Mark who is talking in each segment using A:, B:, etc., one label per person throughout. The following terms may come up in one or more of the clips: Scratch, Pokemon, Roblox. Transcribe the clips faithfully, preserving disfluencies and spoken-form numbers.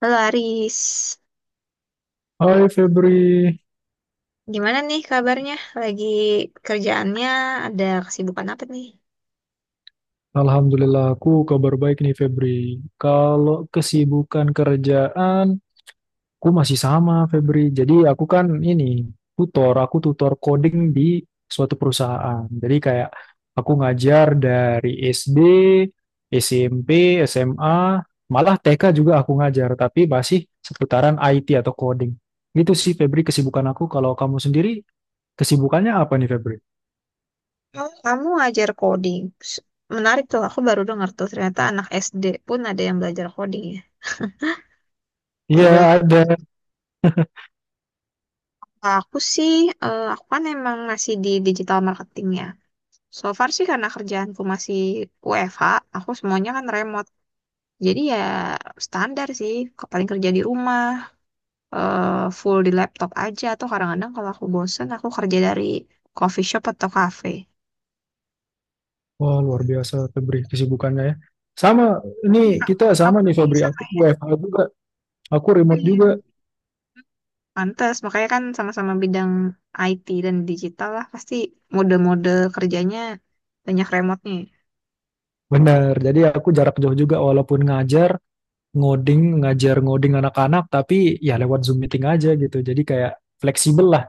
A: Halo Aris,
B: Hai Febri,
A: gimana nih kabarnya? Lagi kerjaannya ada kesibukan apa nih?
B: alhamdulillah aku kabar baik nih Febri. Kalau kesibukan kerjaan, aku masih sama Febri. Jadi aku kan ini tutor, aku tutor coding di suatu perusahaan. Jadi kayak aku ngajar dari SD, SMP, SMA, malah TK juga aku ngajar, tapi masih seputaran I T atau coding. Gitu sih Febri kesibukan aku. Kalau kamu sendiri, kesibukannya apa nih Febri?
A: Oh, kamu ajar coding. S- Menarik tuh, aku baru dengar tuh ternyata anak S D pun ada yang belajar coding ya.
B: Iya,
A: Berubah.
B: ada.
A: Aku sih, eh, aku kan emang masih di digital marketing ya. So far sih karena kerjaanku masih W F H, aku semuanya kan remote. Jadi ya standar sih, ke- paling kerja di rumah. eh, Full di laptop aja atau kadang-kadang kalau aku bosen aku kerja dari coffee shop atau cafe.
B: Wah, luar biasa Febri kesibukannya ya. Sama, ini
A: Iya, Kak.
B: kita sama
A: Kamu
B: nih Febri,
A: bisa
B: aku
A: kayak.
B: W F H juga, aku remote
A: Iya.
B: juga.
A: Pantes, makanya kan sama-sama bidang I T dan digital lah pasti mode-mode kerjanya banyak remote-nya.
B: Benar, jadi aku jarak jauh juga walaupun ngajar, ngoding, ngajar ngoding anak-anak, tapi ya lewat Zoom meeting aja gitu. Jadi kayak fleksibel lah,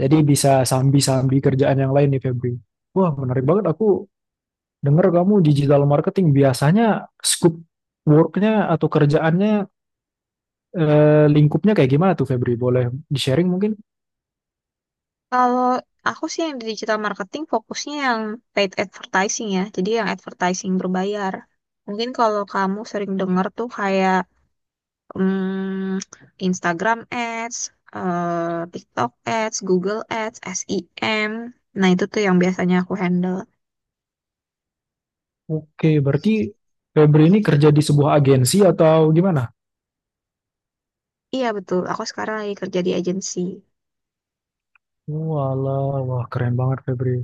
B: jadi bisa sambi-sambi kerjaan yang lain nih Febri. Wah, menarik banget aku dengar kamu digital marketing. Biasanya scope worknya atau kerjaannya eh, lingkupnya kayak gimana tuh Febri? Boleh di-sharing mungkin?
A: Kalau aku sih yang di digital marketing fokusnya yang paid advertising ya, jadi yang advertising berbayar. Mungkin kalau kamu sering dengar tuh kayak Hmm, Instagram Ads, eh, TikTok Ads, Google Ads, S E M. Nah, itu tuh yang biasanya aku handle.
B: Oke, berarti Febri ini kerja di sebuah agensi atau gimana?
A: Iya, betul. Aku sekarang lagi kerja di agensi.
B: Walah, wah keren banget Febri.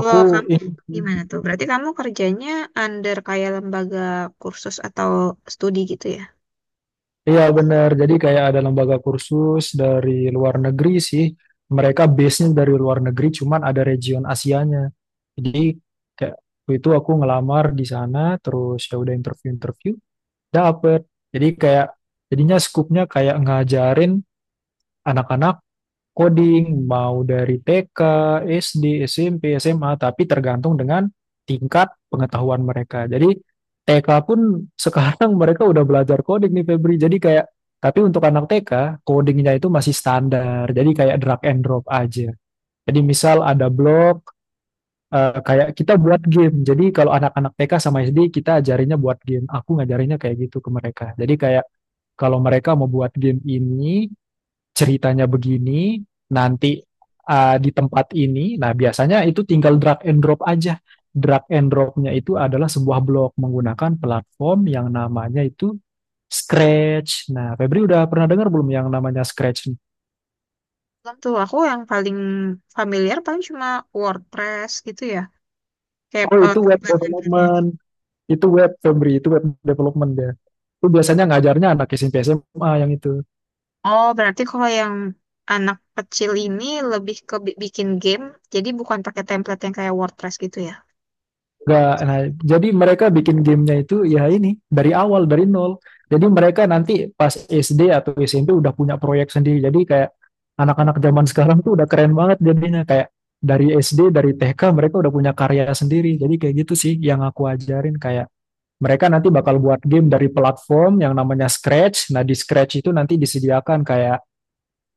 B: Aku
A: Loh, kamu
B: ini,
A: gimana tuh? Berarti kamu kerjanya under kayak lembaga kursus atau studi gitu ya?
B: iya benar. Jadi kayak ada lembaga kursus dari luar negeri sih. Mereka base-nya dari luar negeri, cuman ada region Asianya. Jadi kayak waktu itu aku ngelamar di sana, terus ya udah interview-interview, dapet. Jadi kayak jadinya skupnya kayak ngajarin anak-anak coding, mau dari TK, SD, SMP, SMA, tapi tergantung dengan tingkat pengetahuan mereka. Jadi T K pun sekarang mereka udah belajar coding nih Febri. Jadi kayak, tapi untuk anak T K, codingnya itu masih standar. Jadi kayak drag and drop aja. Jadi misal ada blok, eh, kayak kita buat game. Jadi kalau anak-anak T K sama S D, kita ajarinnya buat game. Aku ngajarinnya kayak gitu ke mereka. Jadi kayak kalau mereka mau buat game ini, ceritanya begini, nanti uh, di tempat ini. Nah, biasanya itu tinggal drag and drop aja. Drag and dropnya itu adalah sebuah blog menggunakan platform yang namanya itu Scratch. Nah, Febri udah pernah dengar belum yang namanya Scratch?
A: Belum tuh, aku yang paling familiar paling cuma WordPress gitu ya. Kayak
B: Oh,
A: eh,
B: itu web
A: template-template.
B: development. Itu web, Febri. Itu web development ya. Itu biasanya ngajarnya anak S M P S M A yang itu.
A: Oh, berarti kalau yang anak kecil ini lebih ke bi- bikin game, jadi bukan pakai template yang kayak WordPress gitu ya.
B: Nggak, nah, jadi mereka bikin gamenya itu ya ini dari awal dari nol. Jadi mereka nanti pas S D atau S M P udah punya proyek sendiri. Jadi kayak anak-anak zaman sekarang tuh udah keren banget jadinya kayak dari S D dari T K mereka udah punya karya sendiri. Jadi kayak gitu sih yang aku ajarin kayak mereka nanti bakal buat game dari platform yang namanya Scratch. Nah, di Scratch itu nanti disediakan kayak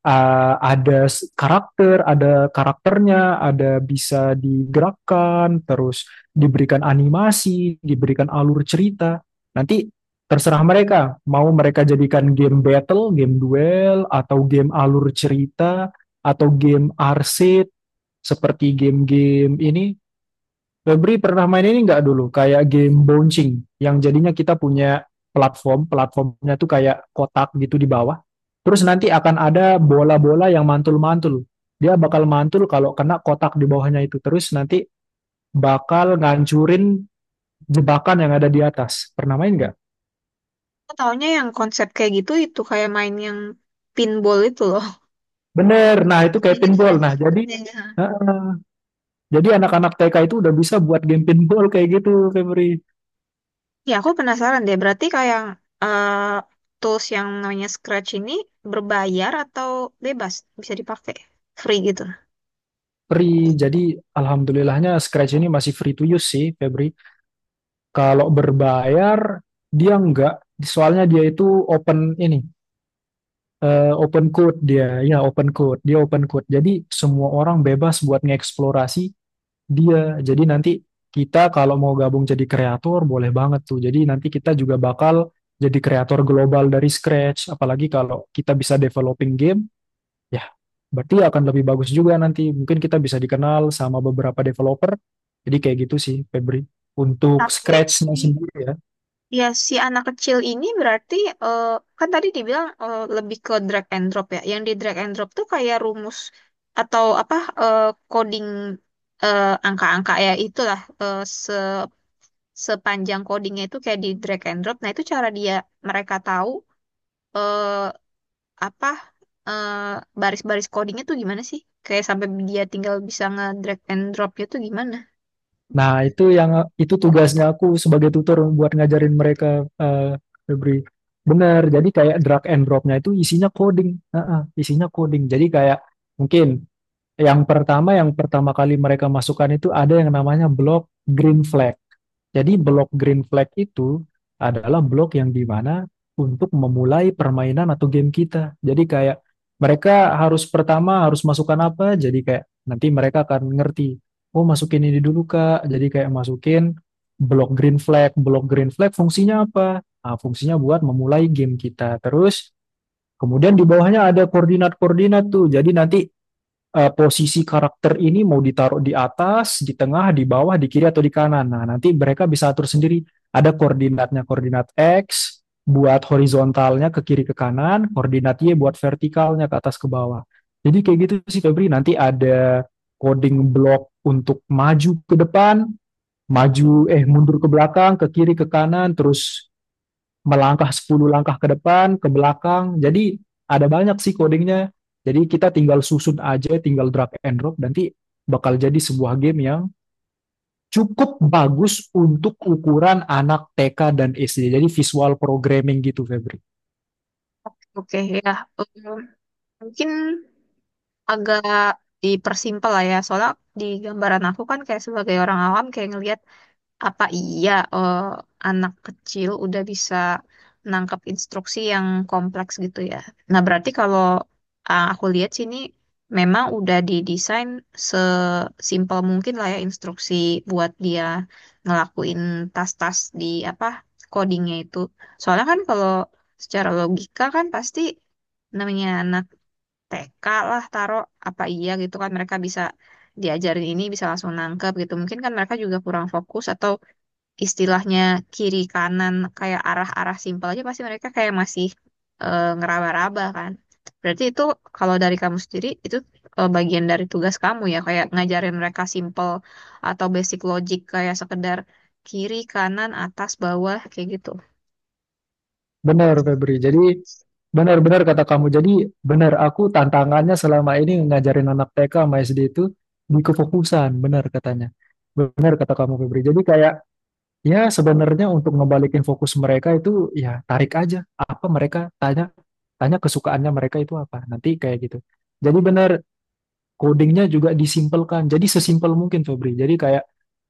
B: uh, ada karakter, ada karakternya, ada bisa digerakkan, terus diberikan animasi, diberikan alur cerita. Nanti terserah mereka, mau mereka jadikan game battle, game duel, atau game alur cerita, atau game arcade, seperti game-game ini, Febri pernah main ini nggak dulu? Kayak game bouncing yang jadinya kita punya platform, platformnya tuh kayak kotak gitu di bawah. Terus nanti akan ada bola-bola yang mantul-mantul. Dia bakal mantul kalau kena kotak di bawahnya itu. Terus nanti bakal ngancurin jebakan yang ada di atas. Pernah main nggak?
A: Aku taunya yang konsep kayak gitu itu kayak main yang pinball itu loh.
B: Bener. Nah, itu
A: Kayak
B: kayak
A: gitu
B: pinball.
A: kan?
B: Nah, jadi
A: Iya.
B: heeh, jadi anak-anak T K itu udah bisa buat game pinball kayak gitu, Febri.
A: Ya, aku penasaran deh. Berarti kayak eh, tools yang namanya Scratch ini berbayar atau bebas bisa dipakai? Free gitu.
B: Febri, jadi alhamdulillahnya Scratch ini masih free to use sih, Febri. Kalau berbayar dia enggak, soalnya dia itu open ini, eh, open code dia, ya open code, dia open code. Jadi semua orang bebas buat ngeksplorasi dia. Jadi nanti kita kalau mau gabung jadi kreator boleh banget tuh. Jadi nanti kita juga bakal jadi kreator global dari scratch. Apalagi kalau kita bisa developing game, ya berarti akan lebih bagus juga nanti. Mungkin kita bisa dikenal sama beberapa developer. Jadi kayak gitu sih, Febri. Untuk
A: Tapi
B: scratch-nya sendiri ya.
A: ya, si anak kecil ini berarti, eh, kan tadi dibilang, eh, lebih ke drag and drop ya. Yang di drag and drop tuh kayak rumus atau apa, eh, coding, eh, angka-angka ya itulah, eh, se sepanjang codingnya itu kayak di drag and drop. Nah, itu cara dia mereka tahu, eh, apa, eh, baris-baris codingnya tuh gimana sih? Kayak sampai dia tinggal bisa nge-drag and dropnya tuh gimana?
B: Nah, itu yang itu tugasnya aku sebagai tutor buat ngajarin mereka eh Febri. Bener. Jadi kayak drag and dropnya itu isinya coding. Heeh, isinya coding. Jadi kayak mungkin yang pertama yang pertama kali mereka masukkan itu ada yang namanya block green flag. Jadi blok green flag itu adalah blok yang dimana untuk memulai permainan atau game kita. Jadi kayak mereka harus pertama harus masukkan apa, jadi kayak nanti mereka akan ngerti. Oh masukin ini dulu Kak, jadi kayak masukin blok green flag. Blok green flag fungsinya apa? Ah, fungsinya buat memulai game kita. Terus kemudian di bawahnya ada koordinat-koordinat tuh. Jadi nanti eh, posisi karakter ini mau ditaruh di atas, di tengah, di bawah, di kiri atau di kanan. Nah, nanti mereka bisa atur sendiri. Ada koordinatnya, koordinat X buat horizontalnya ke kiri ke kanan, koordinat Y buat vertikalnya ke atas ke bawah. Jadi kayak gitu sih Febri, nanti ada coding block untuk maju ke depan, maju eh mundur ke belakang, ke kiri ke kanan, terus melangkah sepuluh langkah ke depan, ke belakang. Jadi ada banyak sih codingnya. Jadi kita tinggal susun aja, tinggal drag and drop, nanti bakal jadi sebuah game yang cukup bagus untuk ukuran anak T K dan S D. Jadi visual programming gitu, Febri.
A: Oke, ya. Em, mungkin agak dipersimpel lah ya. Soalnya di gambaran aku kan kayak sebagai orang awam kayak ngelihat apa iya, eh, anak kecil udah bisa nangkep instruksi yang kompleks gitu ya. Nah, berarti kalau ah, aku lihat sini memang udah didesain sesimpel mungkin lah ya instruksi buat dia ngelakuin tas-tas di apa codingnya itu. Soalnya kan kalau secara logika kan pasti namanya anak T K lah taruh apa iya gitu kan mereka bisa diajarin ini bisa langsung nangkep gitu mungkin kan mereka juga kurang fokus atau istilahnya kiri kanan kayak arah-arah simpel aja pasti mereka kayak masih, eh, ngeraba-raba kan berarti itu kalau dari kamu sendiri itu, eh, bagian dari tugas kamu ya kayak ngajarin mereka simpel atau basic logic kayak sekedar kiri kanan atas bawah kayak gitu.
B: Benar, Febri. Jadi benar-benar kata kamu. Jadi benar, aku tantangannya selama ini ngajarin anak T K sama S D itu di kefokusan, benar katanya. Benar kata kamu, Febri. Jadi kayak ya, sebenarnya untuk ngebalikin fokus mereka itu ya tarik aja apa mereka tanya tanya kesukaannya mereka itu apa. Nanti kayak gitu. Jadi benar codingnya juga disimpelkan. Jadi sesimpel mungkin Febri. Jadi kayak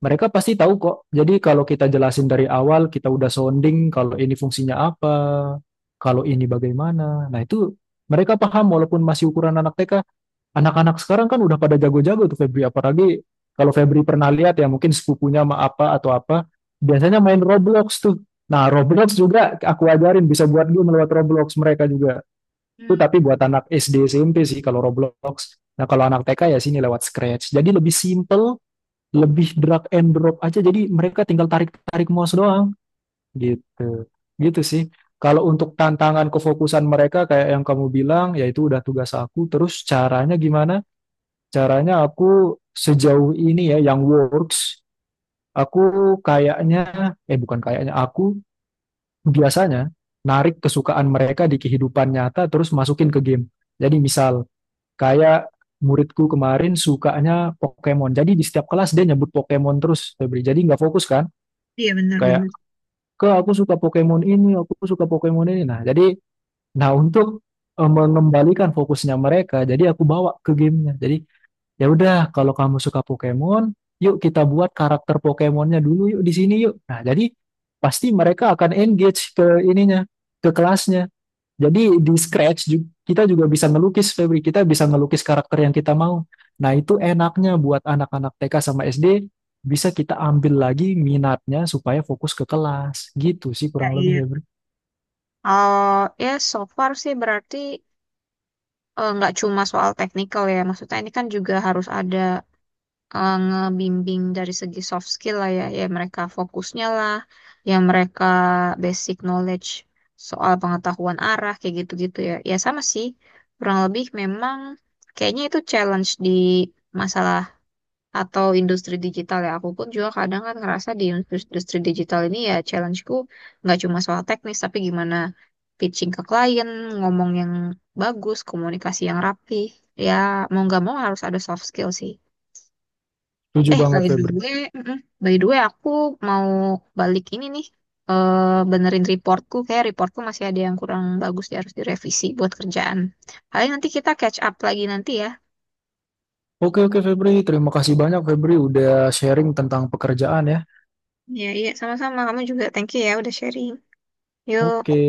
B: mereka pasti tahu kok. Jadi kalau kita jelasin dari awal, kita udah sounding kalau ini fungsinya apa, kalau ini bagaimana. Nah, itu mereka paham walaupun masih ukuran anak T K. Anak-anak sekarang kan udah pada jago-jago tuh Febri, apalagi kalau Febri pernah lihat ya mungkin sepupunya sama apa atau apa, biasanya main Roblox tuh. Nah, Roblox juga aku ajarin bisa buat game lewat Roblox mereka juga. Itu
A: Hmm,
B: tapi buat anak S D S M P sih kalau Roblox. Nah, kalau anak T K ya sini lewat Scratch. Jadi lebih simple, lebih drag and drop aja. Jadi mereka tinggal tarik-tarik mouse doang gitu. Gitu sih. Kalau untuk tantangan kefokusan mereka kayak yang kamu bilang, yaitu udah tugas aku, terus caranya gimana? Caranya aku sejauh ini ya yang works aku kayaknya eh bukan kayaknya aku biasanya narik kesukaan mereka di kehidupan nyata terus masukin ke game, jadi misal kayak muridku kemarin sukanya Pokemon, jadi di setiap kelas dia nyebut Pokemon terus Febri jadi nggak fokus kan,
A: iya
B: kayak
A: benar-benar.
B: ke aku suka Pokemon ini aku suka Pokemon ini, nah jadi nah untuk eh, mengembalikan fokusnya mereka jadi aku bawa ke gamenya, jadi ya udah, kalau kamu suka Pokemon, yuk kita buat karakter Pokemonnya dulu yuk di sini yuk. Nah, jadi pasti mereka akan engage ke ininya, ke kelasnya. Jadi di Scratch ju- kita juga bisa ngelukis Febri, kita bisa ngelukis karakter yang kita mau. Nah, itu enaknya buat anak-anak T K sama S D bisa kita ambil lagi minatnya supaya fokus ke kelas. Gitu sih
A: Iya,
B: kurang lebih
A: iya.
B: Febri.
A: Oh, ya so far sih berarti, eh, nggak cuma soal teknikal ya. Maksudnya ini kan juga harus ada, eh, ngebimbing dari segi soft skill lah ya. Ya mereka fokusnya lah, ya mereka basic knowledge soal pengetahuan arah kayak gitu-gitu ya. Ya sama sih, kurang lebih memang kayaknya itu challenge di masalah atau industri digital ya aku pun juga kadang kan ngerasa di industri industri digital ini ya challenge-ku nggak cuma soal teknis tapi gimana pitching ke klien ngomong yang bagus komunikasi yang rapi ya mau nggak mau harus ada soft skill sih.
B: Setuju
A: Eh
B: banget
A: by the
B: Febri.
A: way, mm-mm. by the way aku mau balik ini nih, eh, benerin reportku kayak reportku masih ada yang kurang bagus dia harus direvisi buat kerjaan paling nanti kita catch up lagi nanti ya.
B: Oke, oke Febri, terima kasih banyak Febri udah sharing tentang pekerjaan ya.
A: Iya, iya, sama-sama. Kamu juga thank you ya udah sharing.
B: Oke.
A: Yuk.